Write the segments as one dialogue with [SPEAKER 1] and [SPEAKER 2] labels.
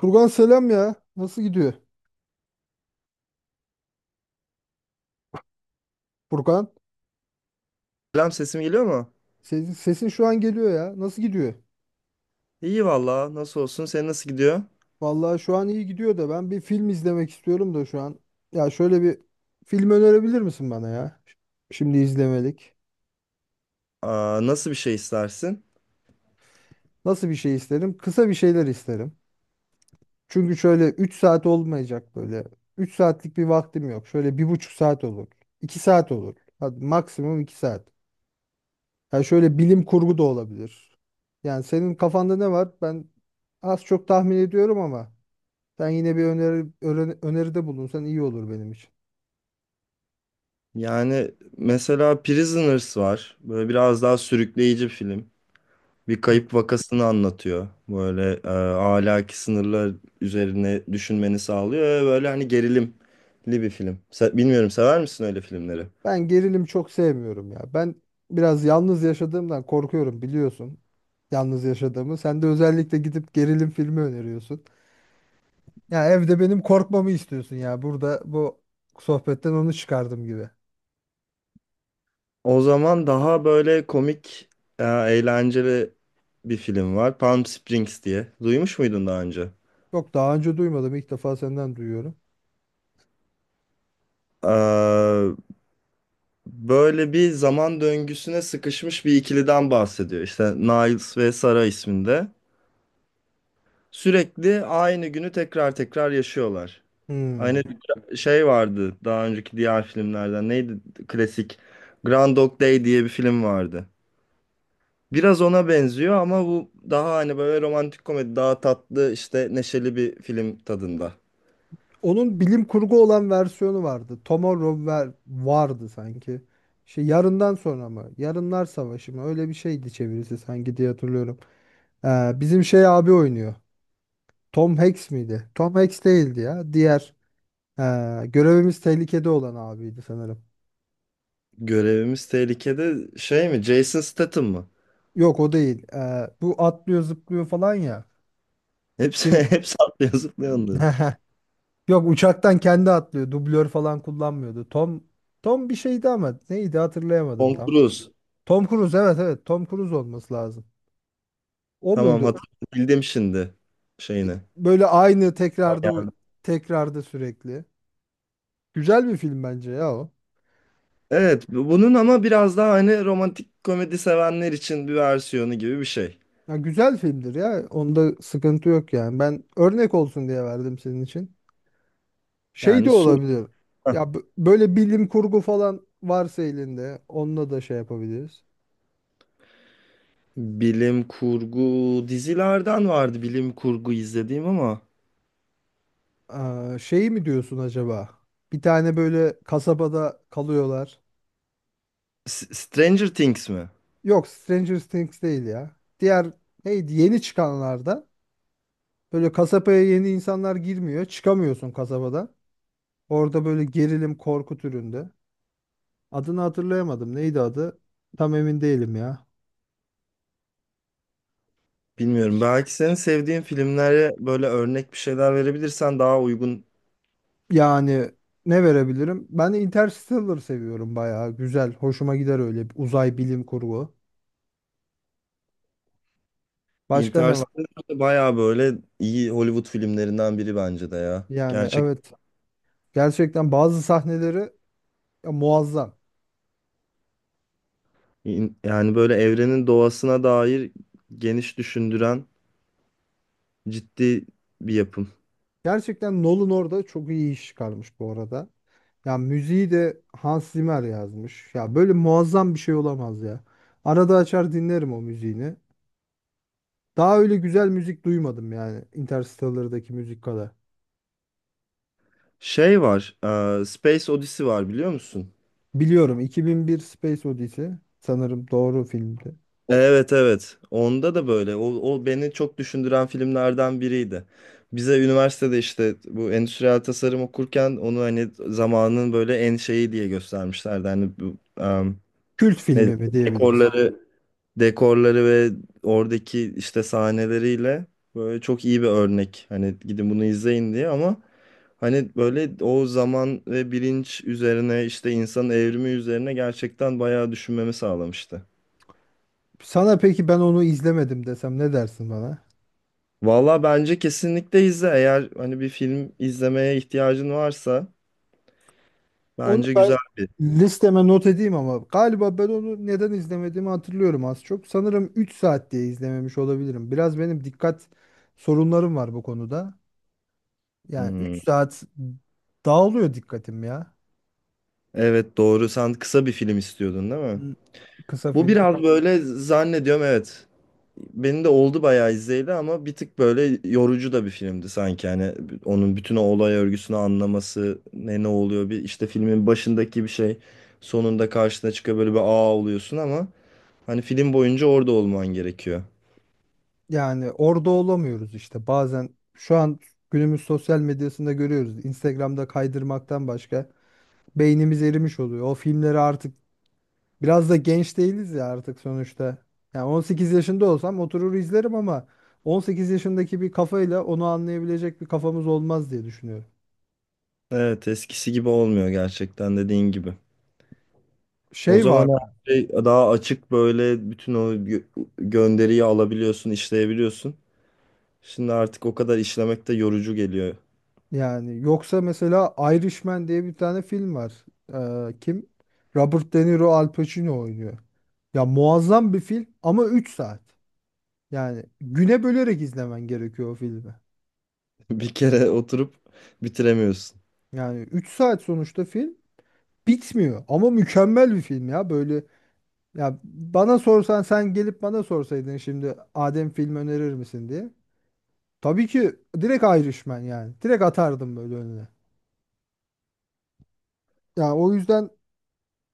[SPEAKER 1] Furkan selam ya. Nasıl gidiyor? Furkan,
[SPEAKER 2] Selam, sesim geliyor mu?
[SPEAKER 1] sesin şu an geliyor ya. Nasıl gidiyor?
[SPEAKER 2] İyi valla, nasıl olsun? Senin nasıl gidiyor?
[SPEAKER 1] Vallahi şu an iyi gidiyor da ben bir film izlemek istiyorum da şu an. Ya şöyle bir film önerebilir misin bana ya? Şimdi izlemelik.
[SPEAKER 2] Aa, nasıl bir şey istersin?
[SPEAKER 1] Nasıl bir şey isterim? Kısa bir şeyler isterim. Çünkü şöyle 3 saat olmayacak böyle. Üç saatlik bir vaktim yok. Şöyle bir buçuk saat olur, 2 saat olur. Hadi maksimum 2 saat. Ya şöyle bilim kurgu da olabilir. Yani senin kafanda ne var? Ben az çok tahmin ediyorum ama sen yine bir öneride bulunsan iyi olur benim için.
[SPEAKER 2] Yani mesela Prisoners var, böyle biraz daha sürükleyici bir film. Bir
[SPEAKER 1] Hı.
[SPEAKER 2] kayıp vakasını anlatıyor, böyle ahlaki sınırlar üzerine düşünmeni sağlıyor ve böyle hani gerilimli bir film. Bilmiyorum, sever misin öyle filmleri?
[SPEAKER 1] Ben gerilim çok sevmiyorum ya. Ben biraz yalnız yaşadığımdan korkuyorum biliyorsun. Yalnız yaşadığımı. Sen de özellikle gidip gerilim filmi öneriyorsun. Ya evde benim korkmamı istiyorsun ya. Burada bu sohbetten onu çıkardım gibi.
[SPEAKER 2] O zaman daha böyle komik, eğlenceli bir film var, Palm Springs diye. Duymuş muydun daha önce?
[SPEAKER 1] Yok daha önce duymadım. İlk defa senden duyuyorum.
[SPEAKER 2] Böyle bir zaman döngüsüne sıkışmış bir ikiliden bahsediyor, İşte Niles ve Sara isminde. Sürekli aynı günü tekrar tekrar yaşıyorlar. Aynı
[SPEAKER 1] Hmm.
[SPEAKER 2] şey vardı daha önceki diğer filmlerden. Neydi klasik? Grand Dog Day diye bir film vardı. Biraz ona benziyor ama bu daha hani böyle romantik komedi, daha tatlı, işte neşeli bir film tadında.
[SPEAKER 1] Onun bilim kurgu olan versiyonu vardı. Tomorrow vardı sanki. Şey yarından sonra mı? Yarınlar Savaşı mı? Öyle bir şeydi çevirisi sanki diye hatırlıyorum. Bizim şey abi oynuyor. Tom Hanks miydi? Tom Hanks değildi ya. Diğer görevimiz tehlikede olan abiydi sanırım.
[SPEAKER 2] Görevimiz tehlikede şey mi? Jason Statham mı?
[SPEAKER 1] Yok o değil. Bu atlıyor zıplıyor falan ya.
[SPEAKER 2] Hepsi
[SPEAKER 1] Kim?
[SPEAKER 2] hepsi atlıyor zıplıyor onların.
[SPEAKER 1] Yok uçaktan kendi atlıyor. Dublör falan kullanmıyordu. Tom bir şeydi ama neydi hatırlayamadım
[SPEAKER 2] Tom
[SPEAKER 1] tam.
[SPEAKER 2] Cruise.
[SPEAKER 1] Tom Cruise, evet evet, Tom Cruise olması lazım. O
[SPEAKER 2] Tamam,
[SPEAKER 1] muydu?
[SPEAKER 2] hatırladım şimdi şeyini.
[SPEAKER 1] Böyle aynı tekrarda sürekli. Güzel bir film bence ya o.
[SPEAKER 2] Evet, bunun ama biraz daha hani romantik komedi sevenler için bir versiyonu gibi bir şey.
[SPEAKER 1] Ya güzel filmdir ya. Onda sıkıntı yok yani. Ben örnek olsun diye verdim senin için. Şey de
[SPEAKER 2] Yani sürekli
[SPEAKER 1] olabilir. Ya böyle bilim kurgu falan varsa elinde onunla da şey yapabiliriz.
[SPEAKER 2] bilim kurgu dizilerden vardı, bilim kurgu izlediğim ama...
[SPEAKER 1] Aa, şey mi diyorsun acaba? Bir tane böyle kasabada kalıyorlar.
[SPEAKER 2] Stranger Things mi?
[SPEAKER 1] Yok, Stranger Things değil ya. Diğer neydi yeni çıkanlarda. Böyle kasabaya yeni insanlar girmiyor. Çıkamıyorsun kasabadan. Orada böyle gerilim korku türünde. Adını hatırlayamadım. Neydi adı? Tam emin değilim ya.
[SPEAKER 2] Bilmiyorum. Belki senin sevdiğin filmlere böyle örnek bir şeyler verebilirsen daha uygun.
[SPEAKER 1] Yani ne verebilirim? Ben Interstellar seviyorum bayağı. Güzel. Hoşuma gider öyle bir uzay bilim kurgu. Başka ne var?
[SPEAKER 2] Interstellar bayağı böyle iyi Hollywood filmlerinden biri bence de ya.
[SPEAKER 1] Yani
[SPEAKER 2] Gerçek.
[SPEAKER 1] evet. Gerçekten bazı sahneleri ya, muazzam.
[SPEAKER 2] Yani böyle evrenin doğasına dair geniş düşündüren ciddi bir yapım.
[SPEAKER 1] Gerçekten Nolan orada çok iyi iş çıkarmış bu arada. Ya müziği de Hans Zimmer yazmış. Ya böyle muazzam bir şey olamaz ya. Arada açar dinlerim o müziğini. Daha öyle güzel müzik duymadım yani Interstellar'daki müzik kadar.
[SPEAKER 2] Şey var, Space Odyssey var, biliyor musun?
[SPEAKER 1] Biliyorum, 2001 Space Odyssey sanırım doğru filmdi.
[SPEAKER 2] Evet, evet. Onda da böyle. O, o beni çok düşündüren filmlerden biriydi. Bize üniversitede, işte bu endüstriyel tasarım okurken, onu hani zamanın böyle en şeyi diye göstermişlerdi. Hani bu,
[SPEAKER 1] Kült
[SPEAKER 2] ne
[SPEAKER 1] filmi mi diyebiliriz.
[SPEAKER 2] dekorları, dekorları ve oradaki işte sahneleriyle böyle çok iyi bir örnek. Hani gidin bunu izleyin diye. Ama hani böyle o zaman ve bilinç üzerine, işte insanın evrimi üzerine gerçekten bayağı düşünmemi sağlamıştı.
[SPEAKER 1] Sana peki ben onu izlemedim desem ne dersin bana?
[SPEAKER 2] Valla bence kesinlikle izle. Eğer hani bir film izlemeye ihtiyacın varsa
[SPEAKER 1] Onu
[SPEAKER 2] bence
[SPEAKER 1] ben
[SPEAKER 2] güzel bir.
[SPEAKER 1] listeme not edeyim ama galiba ben onu neden izlemediğimi hatırlıyorum az çok. Sanırım 3 saat diye izlememiş olabilirim. Biraz benim dikkat sorunlarım var bu konuda. Yani
[SPEAKER 2] Hmm.
[SPEAKER 1] 3 saat dağılıyor dikkatim ya.
[SPEAKER 2] Evet, doğru. Sen kısa bir film istiyordun, değil mi?
[SPEAKER 1] Hı, kısa
[SPEAKER 2] Bu
[SPEAKER 1] film.
[SPEAKER 2] biraz böyle, zannediyorum, evet. Benim de oldu bayağı izleyeli ama bir tık böyle yorucu da bir filmdi sanki. Hani onun bütün o olay örgüsünü anlaması, ne ne oluyor, bir işte filmin başındaki bir şey sonunda karşına çıkıyor, böyle bir aa oluyorsun, ama hani film boyunca orada olman gerekiyor.
[SPEAKER 1] Yani orada olamıyoruz işte. Bazen şu an günümüz sosyal medyasında görüyoruz. Instagram'da kaydırmaktan başka beynimiz erimiş oluyor. O filmleri artık. Biraz da genç değiliz ya artık sonuçta. Yani 18 yaşında olsam oturur izlerim ama 18 yaşındaki bir kafayla onu anlayabilecek bir kafamız olmaz diye düşünüyorum.
[SPEAKER 2] Evet, eskisi gibi olmuyor gerçekten, dediğin gibi. O
[SPEAKER 1] Şey var
[SPEAKER 2] zaman her şey daha açık, böyle bütün o gönderiyi alabiliyorsun, işleyebiliyorsun. Şimdi artık o kadar işlemek de yorucu geliyor.
[SPEAKER 1] yani, yoksa mesela Irishman diye bir tane film var. Kim? Robert De Niro, Al Pacino oynuyor. Ya muazzam bir film ama 3 saat. Yani güne bölerek izlemen gerekiyor o filmi.
[SPEAKER 2] Bir kere oturup bitiremiyorsun.
[SPEAKER 1] Yani 3 saat sonuçta film bitmiyor ama mükemmel bir film ya. Böyle, ya bana sorsan, sen gelip bana sorsaydın şimdi Adem film önerir misin diye. Tabii ki direkt Irishman yani. Direkt atardım böyle önüne. Ya o yüzden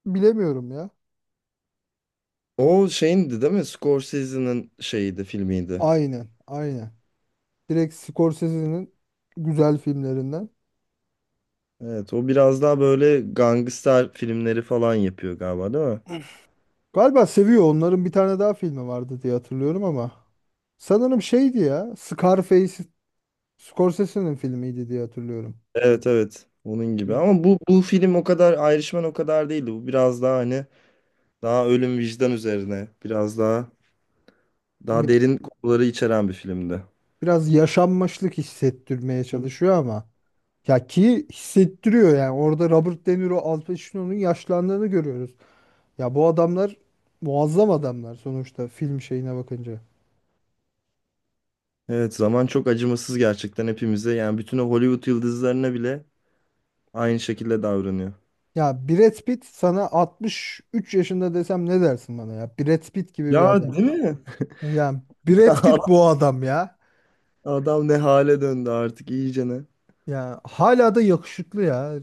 [SPEAKER 1] bilemiyorum ya.
[SPEAKER 2] O şeyindi, değil mi? Scorsese'nin şeyiydi, filmiydi.
[SPEAKER 1] Aynen, aynen. Direkt Scorsese'nin güzel filmlerinden.
[SPEAKER 2] Evet, o biraz daha böyle gangster filmleri falan yapıyor galiba, değil mi?
[SPEAKER 1] Galiba seviyor. Onların bir tane daha filmi vardı diye hatırlıyorum ama. Sanırım şeydi ya. Scarface Scorsese'nin filmiydi diye hatırlıyorum.
[SPEAKER 2] Evet, evet. Onun gibi. Ama bu film o kadar, Irishman o kadar değildi. Bu biraz daha hani daha ölüm, vicdan üzerine, biraz daha daha
[SPEAKER 1] Ne-
[SPEAKER 2] derin konuları içeren bir filmdi.
[SPEAKER 1] Biraz yaşanmışlık hissettirmeye çalışıyor ama. Ya ki hissettiriyor yani orada Robert De Niro, Al Pacino'nun yaşlandığını görüyoruz. Ya bu adamlar muazzam adamlar sonuçta film şeyine bakınca.
[SPEAKER 2] Evet, zaman çok acımasız gerçekten hepimize. Yani bütün o Hollywood yıldızlarına bile aynı şekilde davranıyor.
[SPEAKER 1] Ya Brad Pitt sana 63 yaşında desem ne dersin bana ya? Brad Pitt gibi bir adam.
[SPEAKER 2] Ya, değil mi?
[SPEAKER 1] Yani Brad Pitt bu adam ya.
[SPEAKER 2] Adam ne hale döndü artık iyicene.
[SPEAKER 1] Ya hala da yakışıklı ya.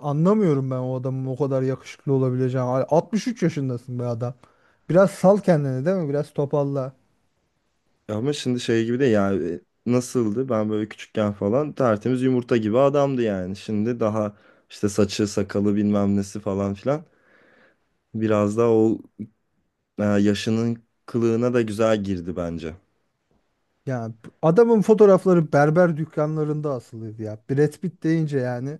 [SPEAKER 1] Anlamıyorum ben o adamın o kadar yakışıklı olabileceğini. Hala 63 yaşındasın be adam. Biraz sal kendini değil mi? Biraz topalla.
[SPEAKER 2] Ama şimdi şey gibi de, yani nasıldı? Ben böyle küçükken falan tertemiz yumurta gibi adamdı yani. Şimdi daha işte saçı, sakalı, bilmem nesi falan filan. Biraz daha o yaşının kılığına da güzel girdi bence.
[SPEAKER 1] Ya adamın fotoğrafları berber dükkanlarında asılıydı ya. Brad Pitt deyince yani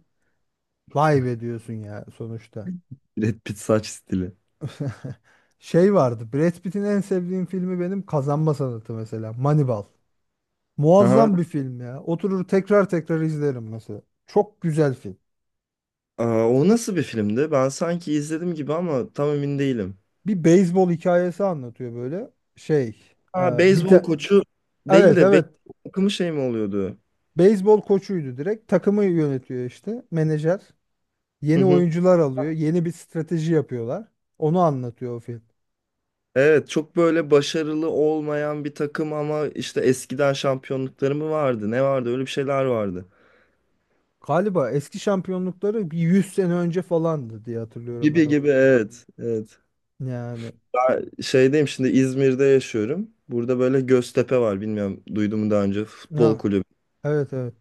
[SPEAKER 1] vay be diyorsun ya sonuçta.
[SPEAKER 2] Brad Pitt saç stili.
[SPEAKER 1] Şey vardı. Brad Pitt'in en sevdiğim filmi benim Kazanma Sanatı mesela. Moneyball.
[SPEAKER 2] Aha.
[SPEAKER 1] Muazzam bir film ya. Oturur tekrar tekrar izlerim mesela. Çok güzel film.
[SPEAKER 2] Aa, o nasıl bir filmdi? Ben sanki izledim gibi ama tam emin değilim.
[SPEAKER 1] Bir beyzbol hikayesi anlatıyor böyle. Şey, e,
[SPEAKER 2] Ha,
[SPEAKER 1] bir
[SPEAKER 2] beyzbol
[SPEAKER 1] ta-
[SPEAKER 2] koçu değil
[SPEAKER 1] evet
[SPEAKER 2] de
[SPEAKER 1] evet,
[SPEAKER 2] beyzbol takımı şey mi oluyordu?
[SPEAKER 1] beyzbol koçuydu direkt. Takımı yönetiyor işte menajer. Yeni oyuncular alıyor. Yeni bir strateji yapıyorlar. Onu anlatıyor o film.
[SPEAKER 2] Evet, çok böyle başarılı olmayan bir takım ama işte eskiden şampiyonlukları mı vardı? Ne vardı? Öyle bir şeyler vardı.
[SPEAKER 1] Galiba eski şampiyonlukları bir 100 sene önce falandı diye hatırlıyorum ben
[SPEAKER 2] Gibi
[SPEAKER 1] o film.
[SPEAKER 2] gibi, evet. Evet.
[SPEAKER 1] Yani
[SPEAKER 2] Ben şeydeyim şimdi, İzmir'de yaşıyorum. Burada böyle Göztepe var. Bilmiyorum, duydun mu daha önce, futbol
[SPEAKER 1] ya,
[SPEAKER 2] kulübü.
[SPEAKER 1] evet evet.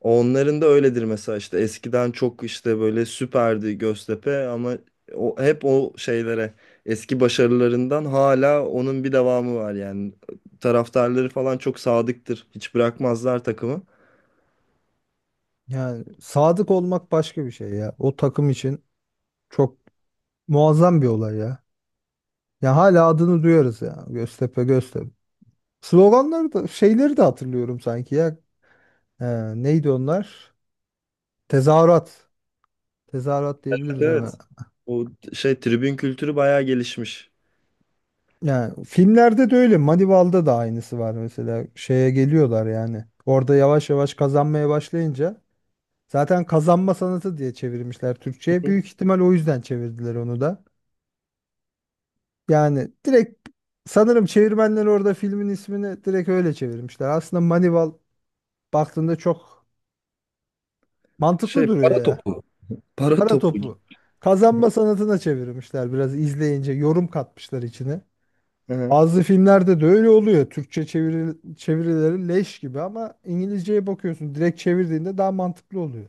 [SPEAKER 2] Onların da öyledir mesela, işte eskiden çok işte böyle süperdi Göztepe ama o, hep o şeylere, eski başarılarından hala onun bir devamı var yani. Taraftarları falan çok sadıktır. Hiç bırakmazlar takımı.
[SPEAKER 1] Yani sadık olmak başka bir şey ya. O takım için çok muazzam bir olay ya. Ya hala adını duyarız ya. Göztepe Göztepe. Sloganları da şeyleri de hatırlıyorum sanki ya. Ee, Neydi onlar? Tezahürat. Tezahürat diyebiliriz ona.
[SPEAKER 2] Evet. Bu şey, tribün kültürü bayağı gelişmiş.
[SPEAKER 1] Yani filmlerde de öyle. Manival'da da aynısı var mesela. Şeye geliyorlar yani. Orada yavaş yavaş kazanmaya başlayınca zaten kazanma sanatı diye çevirmişler Türkçe'ye.
[SPEAKER 2] Hı.
[SPEAKER 1] Büyük ihtimal o yüzden çevirdiler onu da. Yani direkt sanırım çevirmenler orada filmin ismini direkt öyle çevirmişler. Aslında Manival baktığında çok mantıklı
[SPEAKER 2] Şey, Para
[SPEAKER 1] duruyor ya.
[SPEAKER 2] topu. Para
[SPEAKER 1] Para
[SPEAKER 2] topu gibi.
[SPEAKER 1] topu. Kazanma sanatına çevirmişler, biraz izleyince yorum katmışlar içine.
[SPEAKER 2] Hı.
[SPEAKER 1] Bazı filmlerde de öyle oluyor. Türkçe çevirileri leş gibi ama İngilizceye bakıyorsun. Direkt çevirdiğinde daha mantıklı oluyor.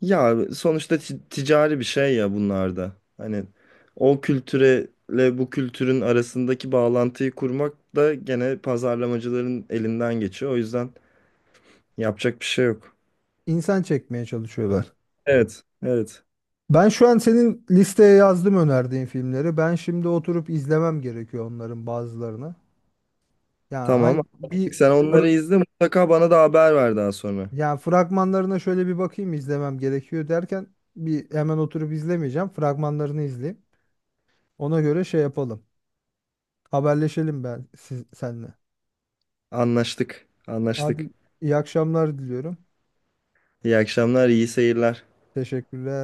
[SPEAKER 2] Ya sonuçta ticari bir şey ya bunlar da. Hani o kültürele bu kültürün arasındaki bağlantıyı kurmak da gene pazarlamacıların elinden geçiyor. O yüzden yapacak bir şey yok.
[SPEAKER 1] İnsan çekmeye çalışıyorlar.
[SPEAKER 2] Evet, evet.
[SPEAKER 1] Ben şu an senin listeye yazdım önerdiğin filmleri. Ben şimdi oturup izlemem gerekiyor onların bazılarını. Yani
[SPEAKER 2] Tamam.
[SPEAKER 1] hangi bir
[SPEAKER 2] Sen onları
[SPEAKER 1] fır-
[SPEAKER 2] izle, mutlaka bana da haber ver daha sonra.
[SPEAKER 1] yani fragmanlarına şöyle bir bakayım izlemem gerekiyor derken bir hemen oturup izlemeyeceğim. Fragmanlarını izleyeyim. Ona göre şey yapalım. Haberleşelim ben senle.
[SPEAKER 2] Anlaştık, anlaştık.
[SPEAKER 1] Hadi iyi akşamlar diliyorum.
[SPEAKER 2] İyi akşamlar, iyi seyirler.
[SPEAKER 1] Teşekkürler.